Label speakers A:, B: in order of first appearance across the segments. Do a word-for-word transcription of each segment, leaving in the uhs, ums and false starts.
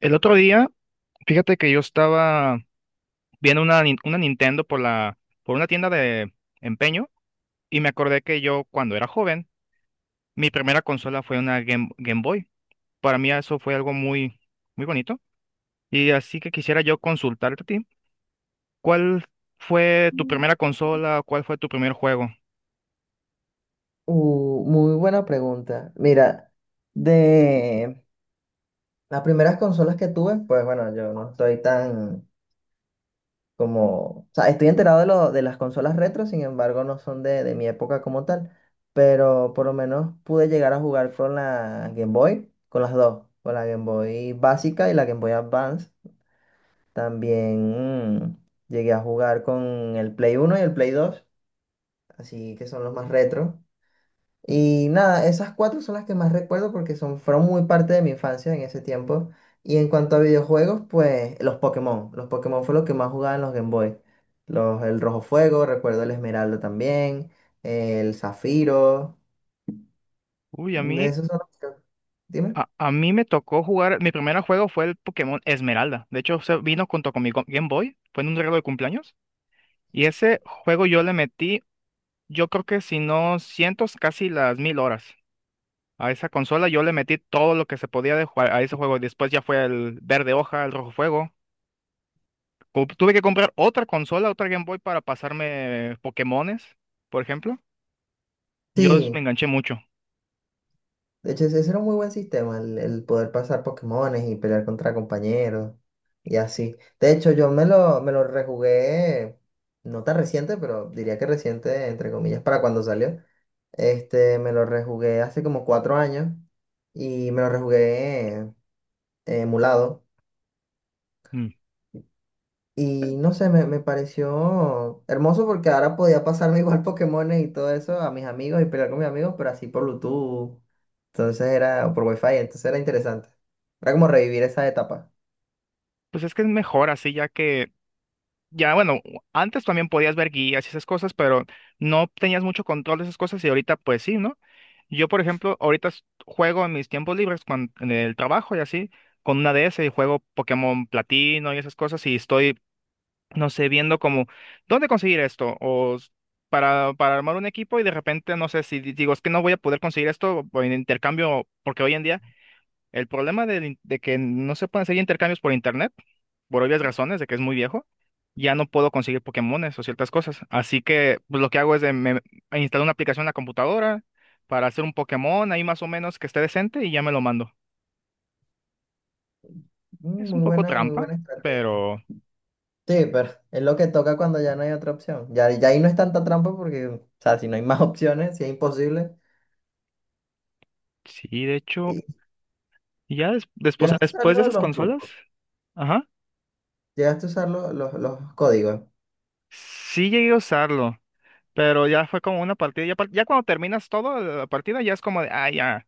A: El otro día, fíjate que yo estaba viendo una, nin- una Nintendo por la, por una tienda de empeño, y me acordé que yo, cuando era joven, mi primera consola fue una Game, Game Boy. Para mí eso fue algo muy, muy bonito. Y así que quisiera yo consultarte a ti, ¿cuál fue tu primera consola? ¿Cuál fue tu primer juego?
B: Uh, muy buena pregunta. Mira, de las primeras consolas que tuve, pues bueno, yo no estoy tan como, o sea, estoy enterado de, lo, de las consolas retro, sin embargo, no son de, de mi época como tal, pero por lo menos pude llegar a jugar con la Game Boy, con las dos, con la Game Boy básica y la Game Boy Advance. También mm, llegué a jugar con el Play uno y el Play dos, así que son los más retro. Y nada, esas cuatro son las que más recuerdo porque son, fueron muy parte de mi infancia en ese tiempo. Y en cuanto a videojuegos, pues los Pokémon. Los Pokémon fue lo que más jugaba en los Game Boy. Los, el Rojo Fuego, recuerdo el Esmeralda también, el Zafiro.
A: Uy, a mí,
B: Esos son los que... Dime.
A: a, a mí me tocó jugar, mi primer juego fue el Pokémon Esmeralda. De hecho, se vino junto con mi Go- Game Boy, fue en un regalo de cumpleaños. Y ese juego yo le metí Yo creo que, si no cientos, casi las mil horas. A esa consola yo le metí todo lo que se podía de jugar a ese juego. Después ya fue el verde hoja, el rojo fuego. Co- Tuve que comprar otra consola, otra Game Boy para pasarme Pokémones, por ejemplo. Yo s- me
B: Sí,
A: enganché mucho.
B: de hecho ese ese era un muy buen sistema, el, el poder pasar Pokémones y pelear contra compañeros y así. De hecho yo me lo, me lo rejugué, no tan reciente, pero diría que reciente, entre comillas, para cuando salió. Este, me lo rejugué hace como cuatro años y me lo rejugué eh, emulado.
A: Mm.
B: Y no sé, me, me pareció hermoso porque ahora podía pasarme igual Pokémones y todo eso a mis amigos y pelear con mis amigos, pero así por Bluetooth. Entonces era, o por Wi-Fi, entonces era interesante. Era como revivir esa etapa.
A: Pues es que es mejor así. ya que Ya, bueno, antes también podías ver guías y esas cosas, pero no tenías mucho control de esas cosas, y ahorita pues sí, ¿no? Yo, por ejemplo, ahorita s- juego en mis tiempos libres, cuan- en el trabajo y así, con una D S, y juego Pokémon Platino y esas cosas, y estoy, no sé, viendo como, ¿dónde conseguir esto? O s- para, para armar un equipo y, de repente, no sé si di- digo, es que no voy a poder conseguir esto, o en intercambio, porque hoy en día el problema del in- de, que no se pueden hacer intercambios por internet, por obvias razones, de que es muy viejo, ya no puedo conseguir Pokémones o ciertas cosas. Así que pues, lo que hago es de, me, me instalo una aplicación en la computadora para hacer un Pokémon ahí más o menos que esté decente, y ya me lo mando.
B: Mm,
A: Es un
B: muy
A: poco
B: buena, muy
A: trampa,
B: buena estrategia.
A: pero
B: Sí, pero es lo que toca cuando ya no hay otra opción. Ya, ya ahí no es tanta trampa porque, o sea, si no hay más opciones, si es imposible.
A: sí, de hecho.
B: Y
A: Ya des- después,
B: ya usar
A: después de
B: lo de
A: esas
B: los
A: consolas,
B: trucos.
A: ajá,
B: Llegaste a usar lo- los los códigos.
A: sí llegué a usarlo, pero ya fue como una partida. Ya, par- ya cuando terminas todo la partida, ya es como de, ah, ya.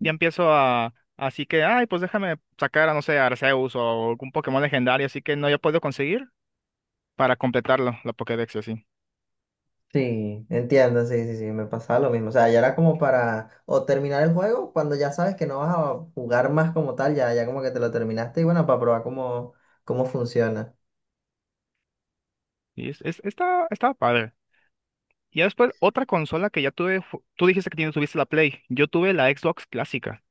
A: Ya empiezo a, así que, ay, pues déjame sacar a, no sé, a Arceus o algún Pokémon legendario, así que no, ya puedo conseguir para completarlo, la Pokédex y así.
B: Sí, entiendo, sí, sí, sí, me pasaba lo mismo. O sea, ya era como para o terminar el juego cuando ya sabes que no vas a jugar más como tal, ya, ya como que te lo terminaste y bueno, para probar cómo, cómo funciona.
A: Y es, es- está, estaba padre. Y ya después, otra consola que ya tuve, fu- tú dijiste que tienes, tuviste la Play; yo tuve la Xbox clásica.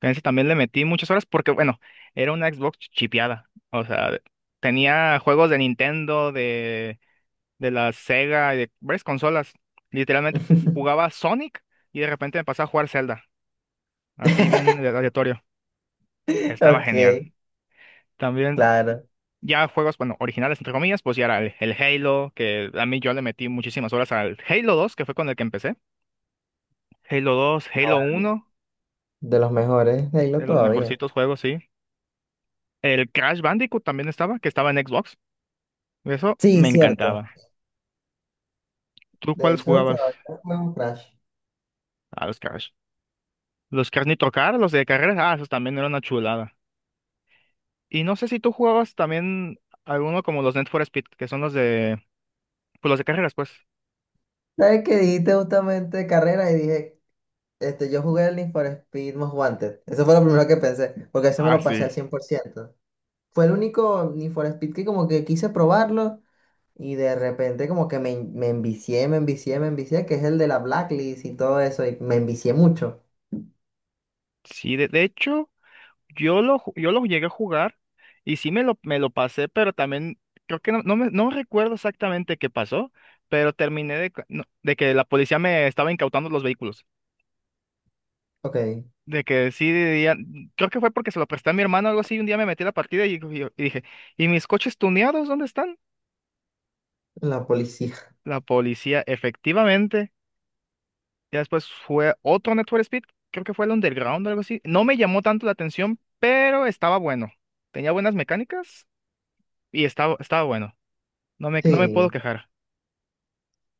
A: En ese también le metí muchas horas porque, bueno, era una Xbox chipeada. O sea, de- tenía juegos de Nintendo, de, de la Sega y de varias consolas. Literalmente jugaba Sonic y de repente me pasaba a jugar Zelda, así bien aleatorio. Estaba genial.
B: Ok,
A: También
B: claro.
A: ya juegos, bueno, originales entre comillas, pues ya era el, el Halo, que a mí yo le metí muchísimas horas al Halo dos, que fue con el que empecé. Halo dos,
B: No,
A: Halo
B: bueno,
A: uno,
B: de los mejores de Halo
A: de los
B: todavía.
A: mejorcitos juegos, sí. El Crash Bandicoot también estaba, que estaba en Xbox. Eso
B: Sí,
A: me
B: cierto.
A: encantaba. ¿Tú
B: De
A: cuáles
B: hecho,
A: jugabas
B: todavía juego Crash.
A: a los Crash? Los Crash Nitro Car, los de carreras, ah, esos también eran una chulada. Y no sé si tú jugabas también alguno como los Need for Speed, que son los de, pues los de carreras, pues.
B: ¿Sabes qué dijiste justamente de carrera? Y dije, este, yo jugué el Need for Speed Most Wanted. Eso fue lo primero que pensé, porque ese me
A: Ah,
B: lo pasé
A: sí.
B: al cien por ciento. Fue el único Need for Speed que como que quise probarlo y de repente como que me, en- me envicié, me envicié, me envicié, que es el de la Blacklist y todo eso, y me envicié mucho.
A: Sí, de, de hecho. Yo lo, ju- yo lo llegué a jugar, y sí me lo, me lo pasé, pero también creo que no, no, me- no recuerdo exactamente qué pasó, pero terminé, de, cu- no, de que la policía me estaba incautando los vehículos.
B: Ok,
A: De que sí, diría- creo que fue porque se lo presté a mi hermano o algo así. Un día me metí a la partida y, y- y dije, ¿y mis coches tuneados dónde están?
B: la policía.
A: La policía, efectivamente. Ya después fue otro Network Speed, creo que fue el Underground o algo así. No me llamó tanto la atención, pero estaba bueno. Tenía buenas mecánicas y estaba, estaba bueno. No me, no me puedo
B: Sí,
A: quejar.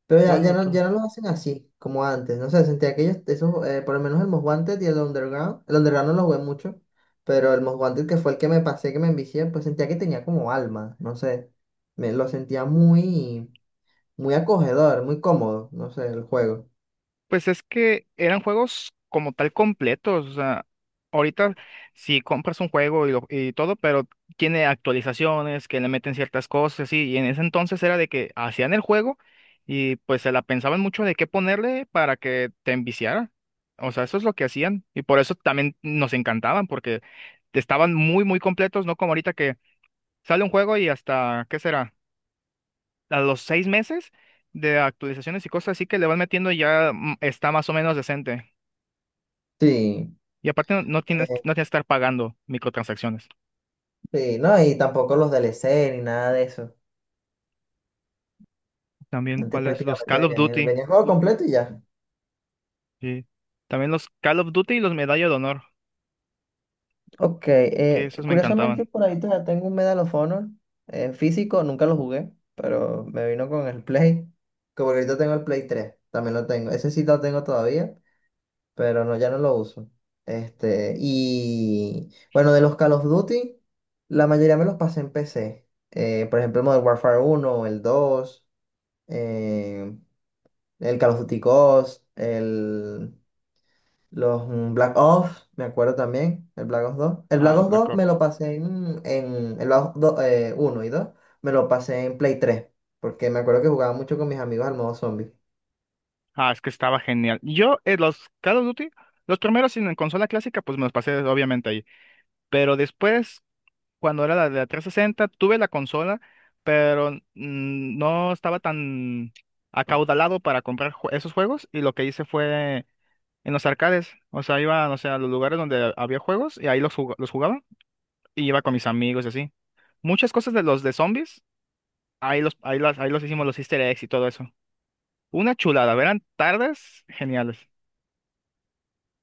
B: pero ya,
A: ¿Cuál
B: ya no,
A: otro?
B: ya no los hacen así como antes, no sé, sentía que ellos, esos, eh, por lo menos el Most Wanted y el Underground, el Underground no lo jugué mucho, pero el Most Wanted que fue el que me pasé, que me envicié, pues sentía que tenía como alma, no sé, me lo sentía muy, muy acogedor, muy cómodo, no sé, el juego.
A: Pues es que eran juegos como tal completos. O sea, ahorita si compras un juego y, lo- y todo, pero tiene actualizaciones que le meten ciertas cosas, sí, y en ese entonces era de que hacían el juego y pues se la pensaban mucho de qué ponerle para que te enviciara. O sea, eso es lo que hacían, y por eso también nos encantaban, porque estaban muy, muy completos, no como ahorita que sale un juego y hasta, ¿qué será? A los seis meses de actualizaciones y cosas así que le vas metiendo ya, mm, está más o menos decente.
B: Sí.
A: Y aparte no, no tienes, no tienes que estar pagando microtransacciones.
B: Sí, no, y tampoco los D L C ni nada de eso.
A: También
B: Antes
A: cuáles, los
B: prácticamente
A: Call of
B: venían el,
A: Duty.
B: venía el juego completo y ya.
A: Sí. También los Call of Duty y los Medalla de Honor,
B: Ok,
A: que
B: eh,
A: esos me
B: curiosamente
A: encantaban.
B: por ahí todavía tengo un Medal of Honor eh, físico, nunca lo jugué, pero me vino con el Play. Como que ahorita tengo el Play tres también lo tengo. Ese sí lo tengo todavía, pero no, ya no lo uso. Este, y bueno, de los Call of Duty, la mayoría me los pasé en P C. Eh, por ejemplo, el Modern Warfare uno, el dos eh, el Call of Duty Ghost, el, los mm, Black Ops, me acuerdo también, el Black Ops dos. El
A: Ah,
B: Black
A: los
B: Ops
A: Black
B: dos
A: Ops.
B: me lo pasé en, en el Black Ops dos, eh, uno y dos me lo pasé en Play tres porque me acuerdo que jugaba mucho con mis amigos al modo zombie.
A: Ah, es que estaba genial. Yo, eh, los Call of Duty, los primeros en en consola clásica, pues me los pasé obviamente ahí. Pero después, cuando era la de la trescientos sesenta, tuve la consola, pero mm, no estaba tan acaudalado para comprar jue- esos juegos, y lo que hice fue en los arcades, o sea, iba, no sé, a los lugares donde había juegos y ahí los, jug- los jugaba y iba con mis amigos y así. Muchas cosas de los de zombies, ahí los, ahí las, ahí los hicimos los easter eggs y todo eso. Una chulada, eran tardes geniales.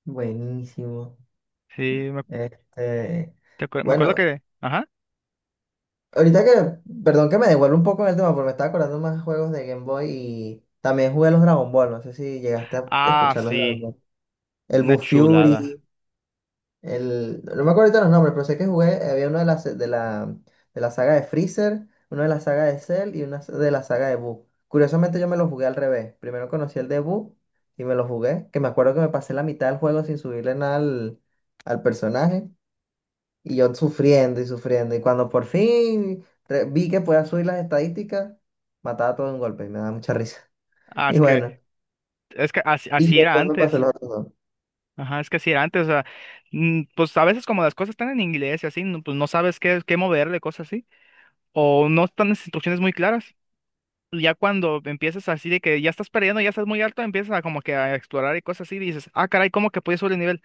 B: Buenísimo.
A: Sí, me,
B: Este,
A: te acuer- me acuerdo
B: bueno,
A: que... Ajá.
B: ahorita que, perdón que me devuelvo un poco en el tema, porque me estaba acordando más juegos de Game Boy y también jugué los Dragon Ball, no sé si llegaste a
A: Ah,
B: escuchar los Dragon
A: sí,
B: Ball. El
A: una
B: Buu
A: chulada.
B: Fury. El, no me acuerdo ahorita los nombres, pero sé que jugué, había una de las de la, de la saga de Freezer, una de la saga de Cell y una de la saga de Boo. Curiosamente yo me lo jugué al revés. Primero conocí el de Boo y me lo jugué, que me acuerdo que me pasé la mitad del juego sin subirle nada al, al personaje y yo sufriendo y sufriendo. Y cuando por fin re- vi que podía subir las estadísticas, mataba todo de un golpe y me daba mucha risa.
A: Ah,
B: Y
A: es que,
B: bueno,
A: es que así
B: y
A: así era
B: después me
A: antes.
B: pasé los otros dos.
A: Ajá, es que sí, antes, o sea, mm, pues a veces, como las cosas están en inglés y así, no- pues no sabes qué, qué moverle, cosas así, o no están las instrucciones muy claras. Y ya cuando empiezas así, de que ya estás perdiendo, ya estás muy alto, empiezas a como que a explorar y cosas así, y dices, ah, caray, ¿cómo que pude subir el nivel?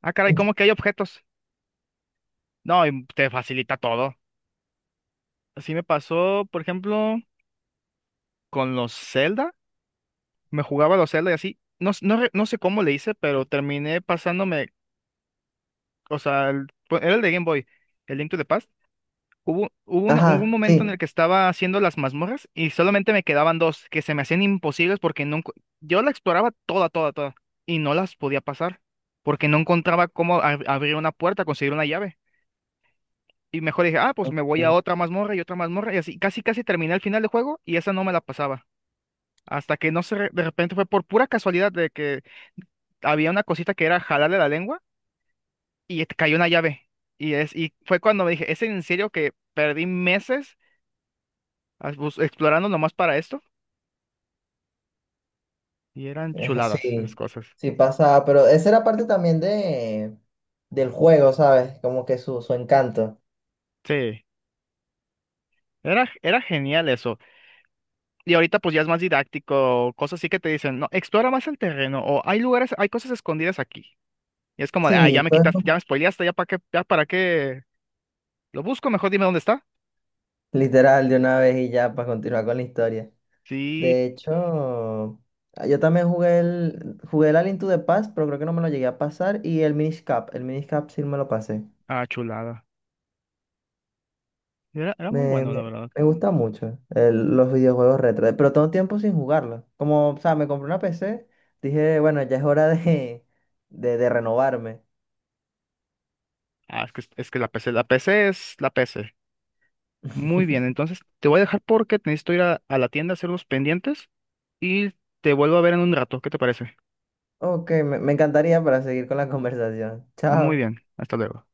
A: Ah, caray, ¿cómo que hay objetos? No, y te facilita todo. Así me pasó, por ejemplo, con los Zelda. Me jugaba los Zelda y así, no, s- no, re- no sé cómo le hice, pero terminé pasándome, o sea, el- era el de Game Boy, el Link to the Past. Hubo, hubo una- hubo un
B: Ajá,
A: momento en el
B: sí.
A: que estaba haciendo las mazmorras y solamente me quedaban dos que se me hacían imposibles, porque no, encu- yo la exploraba toda, toda, toda, y no las podía pasar porque no encontraba cómo ab- abrir una puerta, conseguir una llave. Y mejor dije, ah, pues me voy a otra mazmorra y otra mazmorra, y así casi, casi terminé el final del juego y esa no me la pasaba. Hasta que, no sé, de repente fue por pura casualidad de que había una cosita que era jalarle la lengua y te cayó una llave. Y, es, y fue cuando me dije, ¿es en serio que perdí meses as- bus- explorando nomás para esto? Y eran
B: Es
A: chuladas esas
B: así,
A: cosas.
B: sí pasaba, pero esa era parte también de, del juego, ¿sabes? Como que su, su encanto.
A: Sí, era, era genial eso. Y ahorita pues ya es más didáctico, cosas así que te dicen, no, explora más el terreno, o hay lugares, hay cosas escondidas aquí. Y es como, de, ah, ya
B: Sí,
A: me
B: todo
A: quitaste, ya
B: eso
A: me spoileaste, ya para qué, ya para qué lo busco, mejor dime dónde está.
B: literal de una vez y ya para continuar con la historia.
A: Sí,
B: De hecho, ah, yo también jugué el, jugué el Alien to the Past, pero creo que no me lo llegué a pasar, y el Minish Cap, el Minish Cap sí me lo pasé.
A: ah, chulada. Era, era muy
B: Me,
A: bueno, la
B: me,
A: verdad.
B: me gusta mucho el- los videojuegos retro, pero todo tiempo sin jugarlo. Como, o sea, me compré una P C, dije, bueno, ya es hora de, de, de renovarme.
A: Ah, es que, es que la P C, la P C es la P C. Muy bien, entonces te voy a dejar, porque necesito ir a, a la tienda a hacer unos pendientes y te vuelvo a ver en un rato. ¿Qué te parece?
B: Ok, me, me encantaría para seguir con la conversación.
A: Muy
B: Chao.
A: bien, hasta luego.